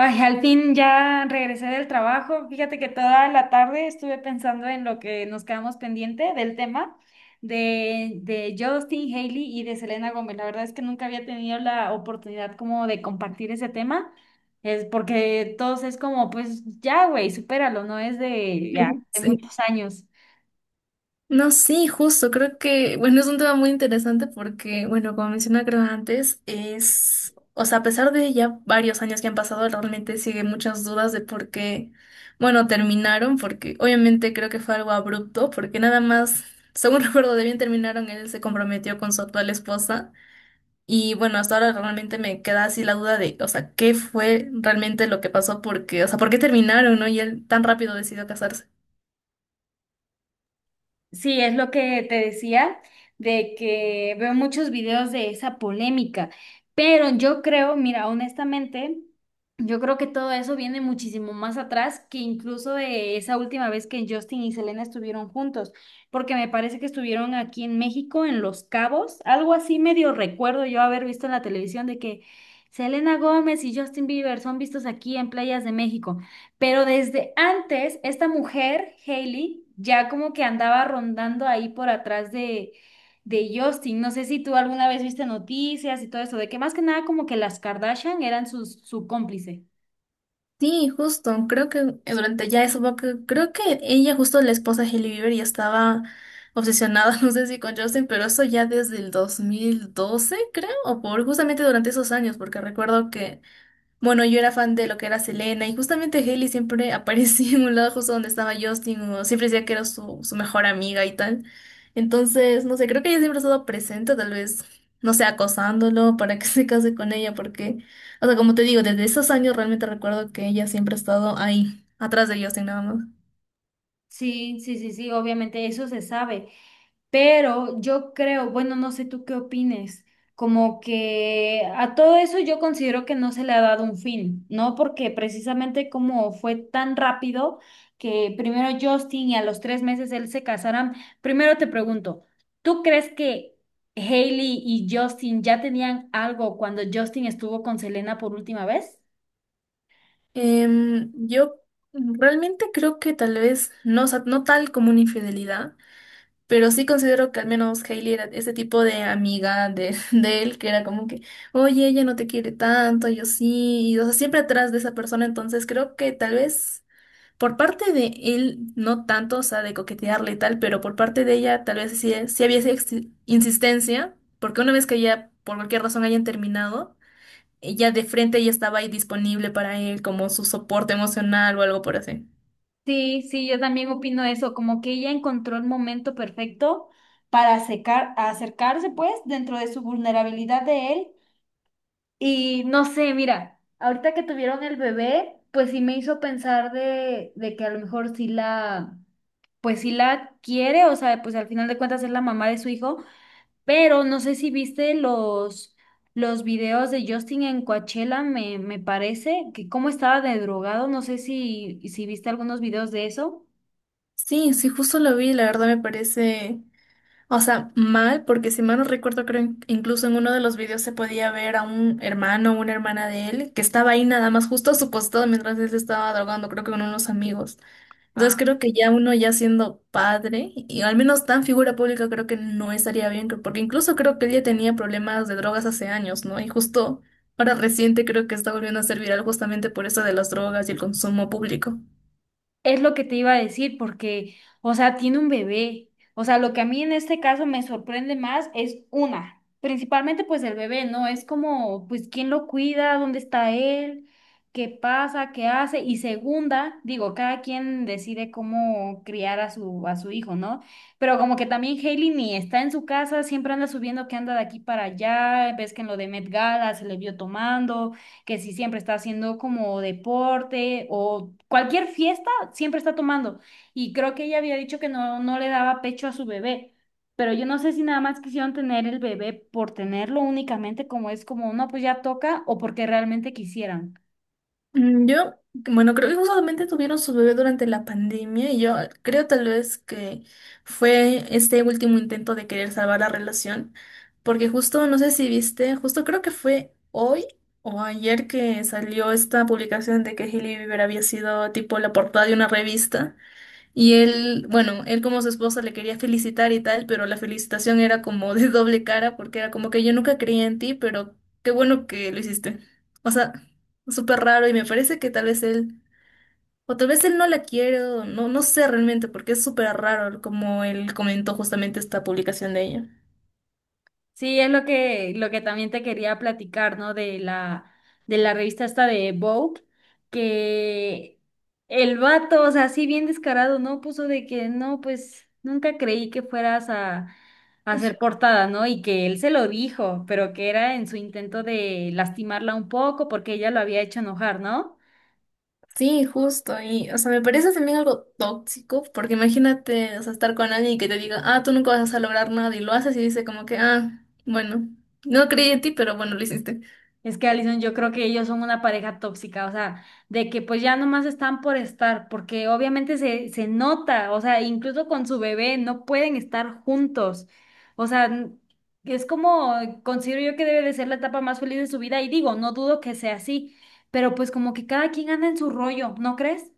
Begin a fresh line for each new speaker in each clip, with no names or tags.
Ay, al fin ya regresé del trabajo. Fíjate que toda la tarde estuve pensando en lo que nos quedamos pendiente del tema de Justin Haley y de Selena Gómez. La verdad es que nunca había tenido la oportunidad como de compartir ese tema. Es porque todos es como, pues ya, güey, supéralo, no es de ya, de
Sí.
muchos años.
No, sí, justo, creo que, bueno, es un tema muy interesante porque, bueno, como mencioné creo antes, es, o sea, a pesar de ya varios años que han pasado, realmente sigue muchas dudas de por qué, bueno, terminaron, porque obviamente creo que fue algo abrupto, porque nada más, según recuerdo de bien, terminaron, él se comprometió con su actual esposa y, bueno, hasta ahora realmente me queda así la duda de, o sea, ¿qué fue realmente lo que pasó? Porque, o sea, ¿por qué terminaron, no? Y él tan rápido decidió casarse.
Sí, es lo que te decía, de que veo muchos videos de esa polémica, pero yo creo, mira, honestamente, yo creo que todo eso viene muchísimo más atrás que incluso de esa última vez que Justin y Selena estuvieron juntos, porque me parece que estuvieron aquí en México, en Los Cabos, algo así medio recuerdo yo haber visto en la televisión de que Selena Gómez y Justin Bieber son vistos aquí en playas de México. Pero desde antes, esta mujer, Hailey, ya como que andaba rondando ahí por atrás de Justin. No sé si tú alguna vez viste noticias y todo eso, de que más que nada como que las Kardashian eran sus, su cómplice.
Sí, justo, creo que durante ya eso, porque creo que ella, justo la esposa de Hailey Bieber, ya estaba obsesionada, no sé si con Justin, pero eso ya desde el 2012, creo, o por justamente durante esos años, porque recuerdo que bueno, yo era fan de lo que era Selena y justamente Hailey siempre aparecía en un lado justo donde estaba Justin, o siempre decía que era su, su mejor amiga y tal. Entonces, no sé, creo que ella siempre ha estado presente, tal vez, no sé, acosándolo para que se case con ella, porque, o sea, como te digo, desde esos años realmente recuerdo que ella siempre ha estado ahí, atrás de Justin nada más.
Sí, sí, sí, sí, obviamente eso se sabe. Pero yo creo, bueno, no sé tú qué opines, como que a todo eso yo considero que no se le ha dado un fin, ¿no? Porque precisamente como fue tan rápido que primero Justin y a los tres meses él se casaran, primero te pregunto, ¿tú crees que Hailey y Justin ya tenían algo cuando Justin estuvo con Selena por última vez?
Yo realmente creo que tal vez, no, o sea, no tal como una infidelidad. Pero sí considero que al menos Hailey era ese tipo de amiga de, de él, que era como que, oye, ella no te quiere tanto, yo sí, y, o sea, siempre atrás de esa persona, entonces creo que tal vez por parte de él, no tanto, o sea, de coquetearle y tal, pero por parte de ella tal vez sí, sí había esa insistencia, porque una vez que ya por cualquier razón hayan terminado, ella de frente ya estaba ahí disponible para él como su soporte emocional o algo por así.
Sí, sí, yo también opino eso, como que ella encontró el momento perfecto para acercarse pues dentro de su vulnerabilidad de él. Y no sé, mira, ahorita que tuvieron el bebé, pues sí me hizo pensar de que a lo mejor sí la, pues sí la quiere, o sea, pues al final de cuentas es la mamá de su hijo, pero no sé si viste los videos de Justin en Coachella, me parece, que cómo estaba de drogado, no sé si viste algunos videos de eso.
Sí, sí, justo lo vi, la verdad me parece... O sea, mal, porque si mal no recuerdo, creo incluso en uno de los videos se podía ver a un hermano o una hermana de él que estaba ahí nada más justo a su costado mientras él se estaba drogando, creo que con unos amigos. Entonces creo que ya uno ya siendo padre, y al menos tan figura pública, creo que no estaría bien, porque incluso creo que él ya tenía problemas de drogas hace años, ¿no? Y justo ahora reciente creo que está volviendo a ser viral justamente por eso de las drogas y el consumo público.
Es lo que te iba a decir, porque, o sea, tiene un bebé. O sea, lo que a mí en este caso me sorprende más es una, principalmente pues el bebé, ¿no? Es como, pues, ¿quién lo cuida? ¿Dónde está él? ¿Qué pasa? ¿Qué hace? Y segunda, digo, cada quien decide cómo criar a su hijo, ¿no? Pero como que también Hailey ni está en su casa, siempre anda subiendo que anda de aquí para allá, ves que en lo de Met Gala se le vio tomando que si siempre está haciendo como deporte o cualquier fiesta siempre está tomando. Y creo que ella había dicho que no le daba pecho a su bebé. Pero yo no sé si nada más quisieron tener el bebé por tenerlo únicamente como es como, no, pues ya toca o porque realmente quisieran.
Yo, bueno, creo que justamente tuvieron su bebé durante la pandemia y yo creo tal vez que fue este último intento de querer salvar la relación, porque justo, no sé si viste, justo creo que fue hoy o ayer que salió esta publicación de que Hailey Bieber había sido tipo la portada de una revista. Y él, bueno, él como su esposa le quería felicitar y tal, pero la felicitación era como de doble cara porque era como que yo nunca creía en ti, pero qué bueno que lo hiciste. O sea, súper raro y me parece que tal vez él, o tal vez él no la quiere, o no, no sé realmente porque es súper raro como él comentó justamente esta publicación de ella.
Sí, es lo que también te quería platicar, ¿no? De la revista esta de Vogue, que el vato, o sea, así bien descarado, ¿no? Puso de que no, pues nunca creí que fueras a ser portada, ¿no? Y que él se lo dijo, pero que era en su intento de lastimarla un poco porque ella lo había hecho enojar, ¿no?
Sí, justo, y o sea, me parece también algo tóxico, porque imagínate, o sea, estar con alguien que te diga, ah, tú nunca vas a lograr nada, y lo haces y dice como que, ah, bueno, no creí en ti, pero bueno, lo hiciste.
Es que Alison, yo creo que ellos son una pareja tóxica, o sea, de que pues ya nomás están por estar, porque obviamente se, se nota, o sea, incluso con su bebé no pueden estar juntos. O sea, es como, considero yo que debe de ser la etapa más feliz de su vida, y digo, no dudo que sea así, pero pues como que cada quien anda en su rollo, ¿no crees?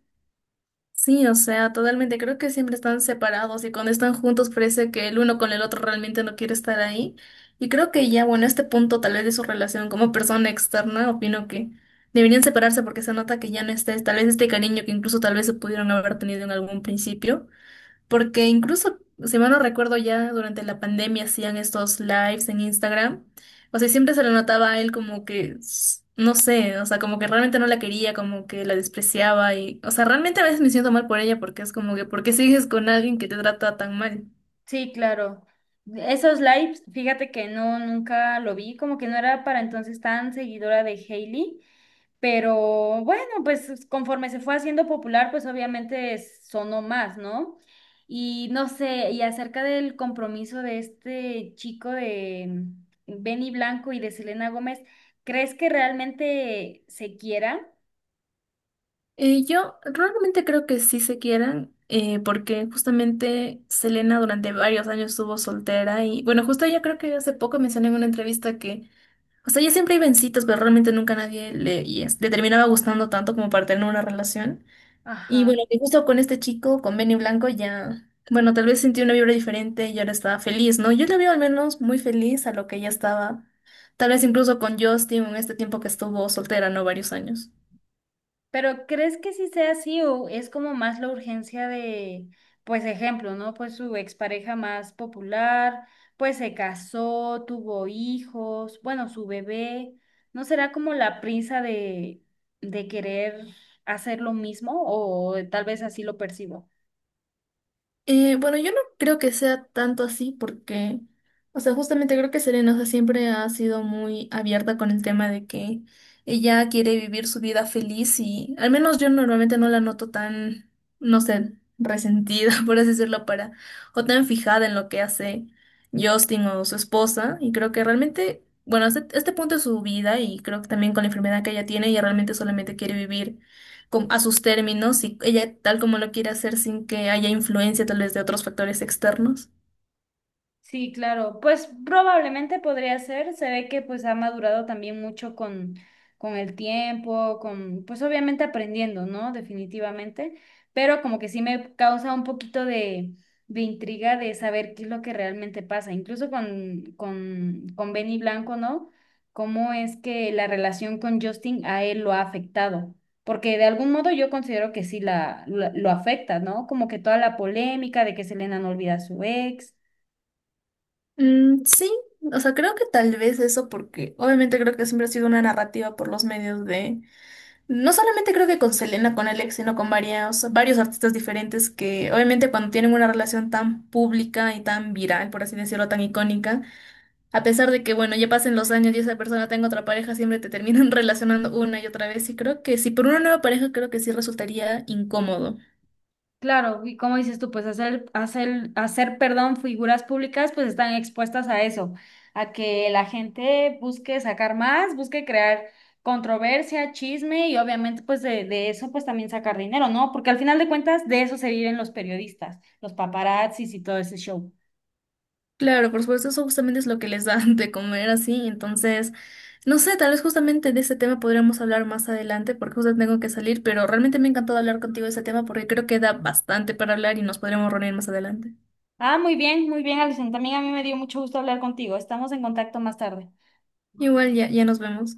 Sí, o sea, totalmente. Creo que siempre están separados y cuando están juntos parece que el uno con el otro realmente no quiere estar ahí. Y creo que ya, bueno, este punto tal vez de su relación como persona externa, opino que deberían separarse porque se nota que ya no está, tal vez este cariño que incluso tal vez se pudieron haber tenido en algún principio. Porque incluso, si mal no recuerdo, ya durante la pandemia hacían estos lives en Instagram. O sea, siempre se le notaba a él como que, no sé, o sea, como que realmente no la quería, como que la despreciaba y, o sea, realmente a veces me siento mal por ella porque es como que, ¿por qué sigues con alguien que te trata tan mal?
Sí, claro. Esos lives, fíjate que no, nunca lo vi, como que no era para entonces tan seguidora de Hailey. Pero bueno, pues conforme se fue haciendo popular, pues obviamente sonó más, ¿no? Y no sé, y acerca del compromiso de este chico de Benny Blanco y de Selena Gómez, ¿crees que realmente se quiera?
Yo realmente creo que sí se quieran, porque justamente Selena durante varios años estuvo soltera y, bueno, justo ella creo que hace poco mencioné en una entrevista que o sea, ya siempre iba en citas, pero realmente nunca nadie le, le terminaba gustando tanto como para tener una relación. Y
Ajá.
bueno, que justo con este chico, con Benny Blanco, ya, bueno, tal vez sentí una vibra diferente y ahora estaba feliz, ¿no? Yo la veo al menos muy feliz a lo que ella estaba. Tal vez incluso con Justin en este tiempo que estuvo soltera, ¿no? Varios años.
Pero ¿crees que sí sea así o es como más la urgencia de, pues ejemplo, ¿no? Pues su expareja más popular, pues se casó, tuvo hijos, bueno, su bebé, ¿no será como la prisa de querer hacer lo mismo o tal vez así lo percibo?
Bueno, yo no creo que sea tanto así porque, o sea, justamente creo que Serena, o sea, siempre ha sido muy abierta con el tema de que ella quiere vivir su vida feliz y al menos yo normalmente no la noto tan, no sé, resentida, por así decirlo, para, o tan fijada en lo que hace Justin o su esposa y creo que realmente, bueno, este punto es su vida y creo que también con la enfermedad que ella tiene, ella realmente solamente quiere vivir a sus términos y ella tal como lo quiere hacer sin que haya influencia tal vez de otros factores externos.
Sí, claro. Pues probablemente podría ser. Se ve que pues ha madurado también mucho con el tiempo, con, pues obviamente aprendiendo, ¿no? Definitivamente. Pero como que sí me causa un poquito de intriga de saber qué es lo que realmente pasa. Incluso con Benny Blanco, ¿no? Cómo es que la relación con Justin a él lo ha afectado. Porque de algún modo yo considero que sí la, lo afecta, ¿no? Como que toda la polémica de que Selena no olvida a su ex.
Mm, sí, o sea, creo que tal vez eso porque obviamente creo que siempre ha sido una narrativa por los medios de, no solamente creo que con Selena, con Alex, sino con varios artistas diferentes que obviamente cuando tienen una relación tan pública y tan viral, por así decirlo, tan icónica, a pesar de que, bueno, ya pasen los años y esa persona tenga otra pareja, siempre te terminan relacionando una y otra vez y creo que si por una nueva pareja creo que sí resultaría incómodo.
Claro, y como dices tú, pues figuras públicas, pues están expuestas a eso, a que la gente busque sacar más, busque crear controversia, chisme y obviamente pues de eso pues también sacar dinero, ¿no? Porque al final de cuentas de eso se viven los periodistas, los paparazzis y todo ese show.
Claro, por supuesto, eso justamente es lo que les da de comer así. Entonces, no sé, tal vez justamente de ese tema podríamos hablar más adelante porque justo tengo que salir, pero realmente me ha encantado hablar contigo de ese tema porque creo que da bastante para hablar y nos podremos reunir más adelante.
Ah, muy bien, Alison. También a mí me dio mucho gusto hablar contigo. Estamos en contacto más tarde.
Igual ya, ya nos vemos.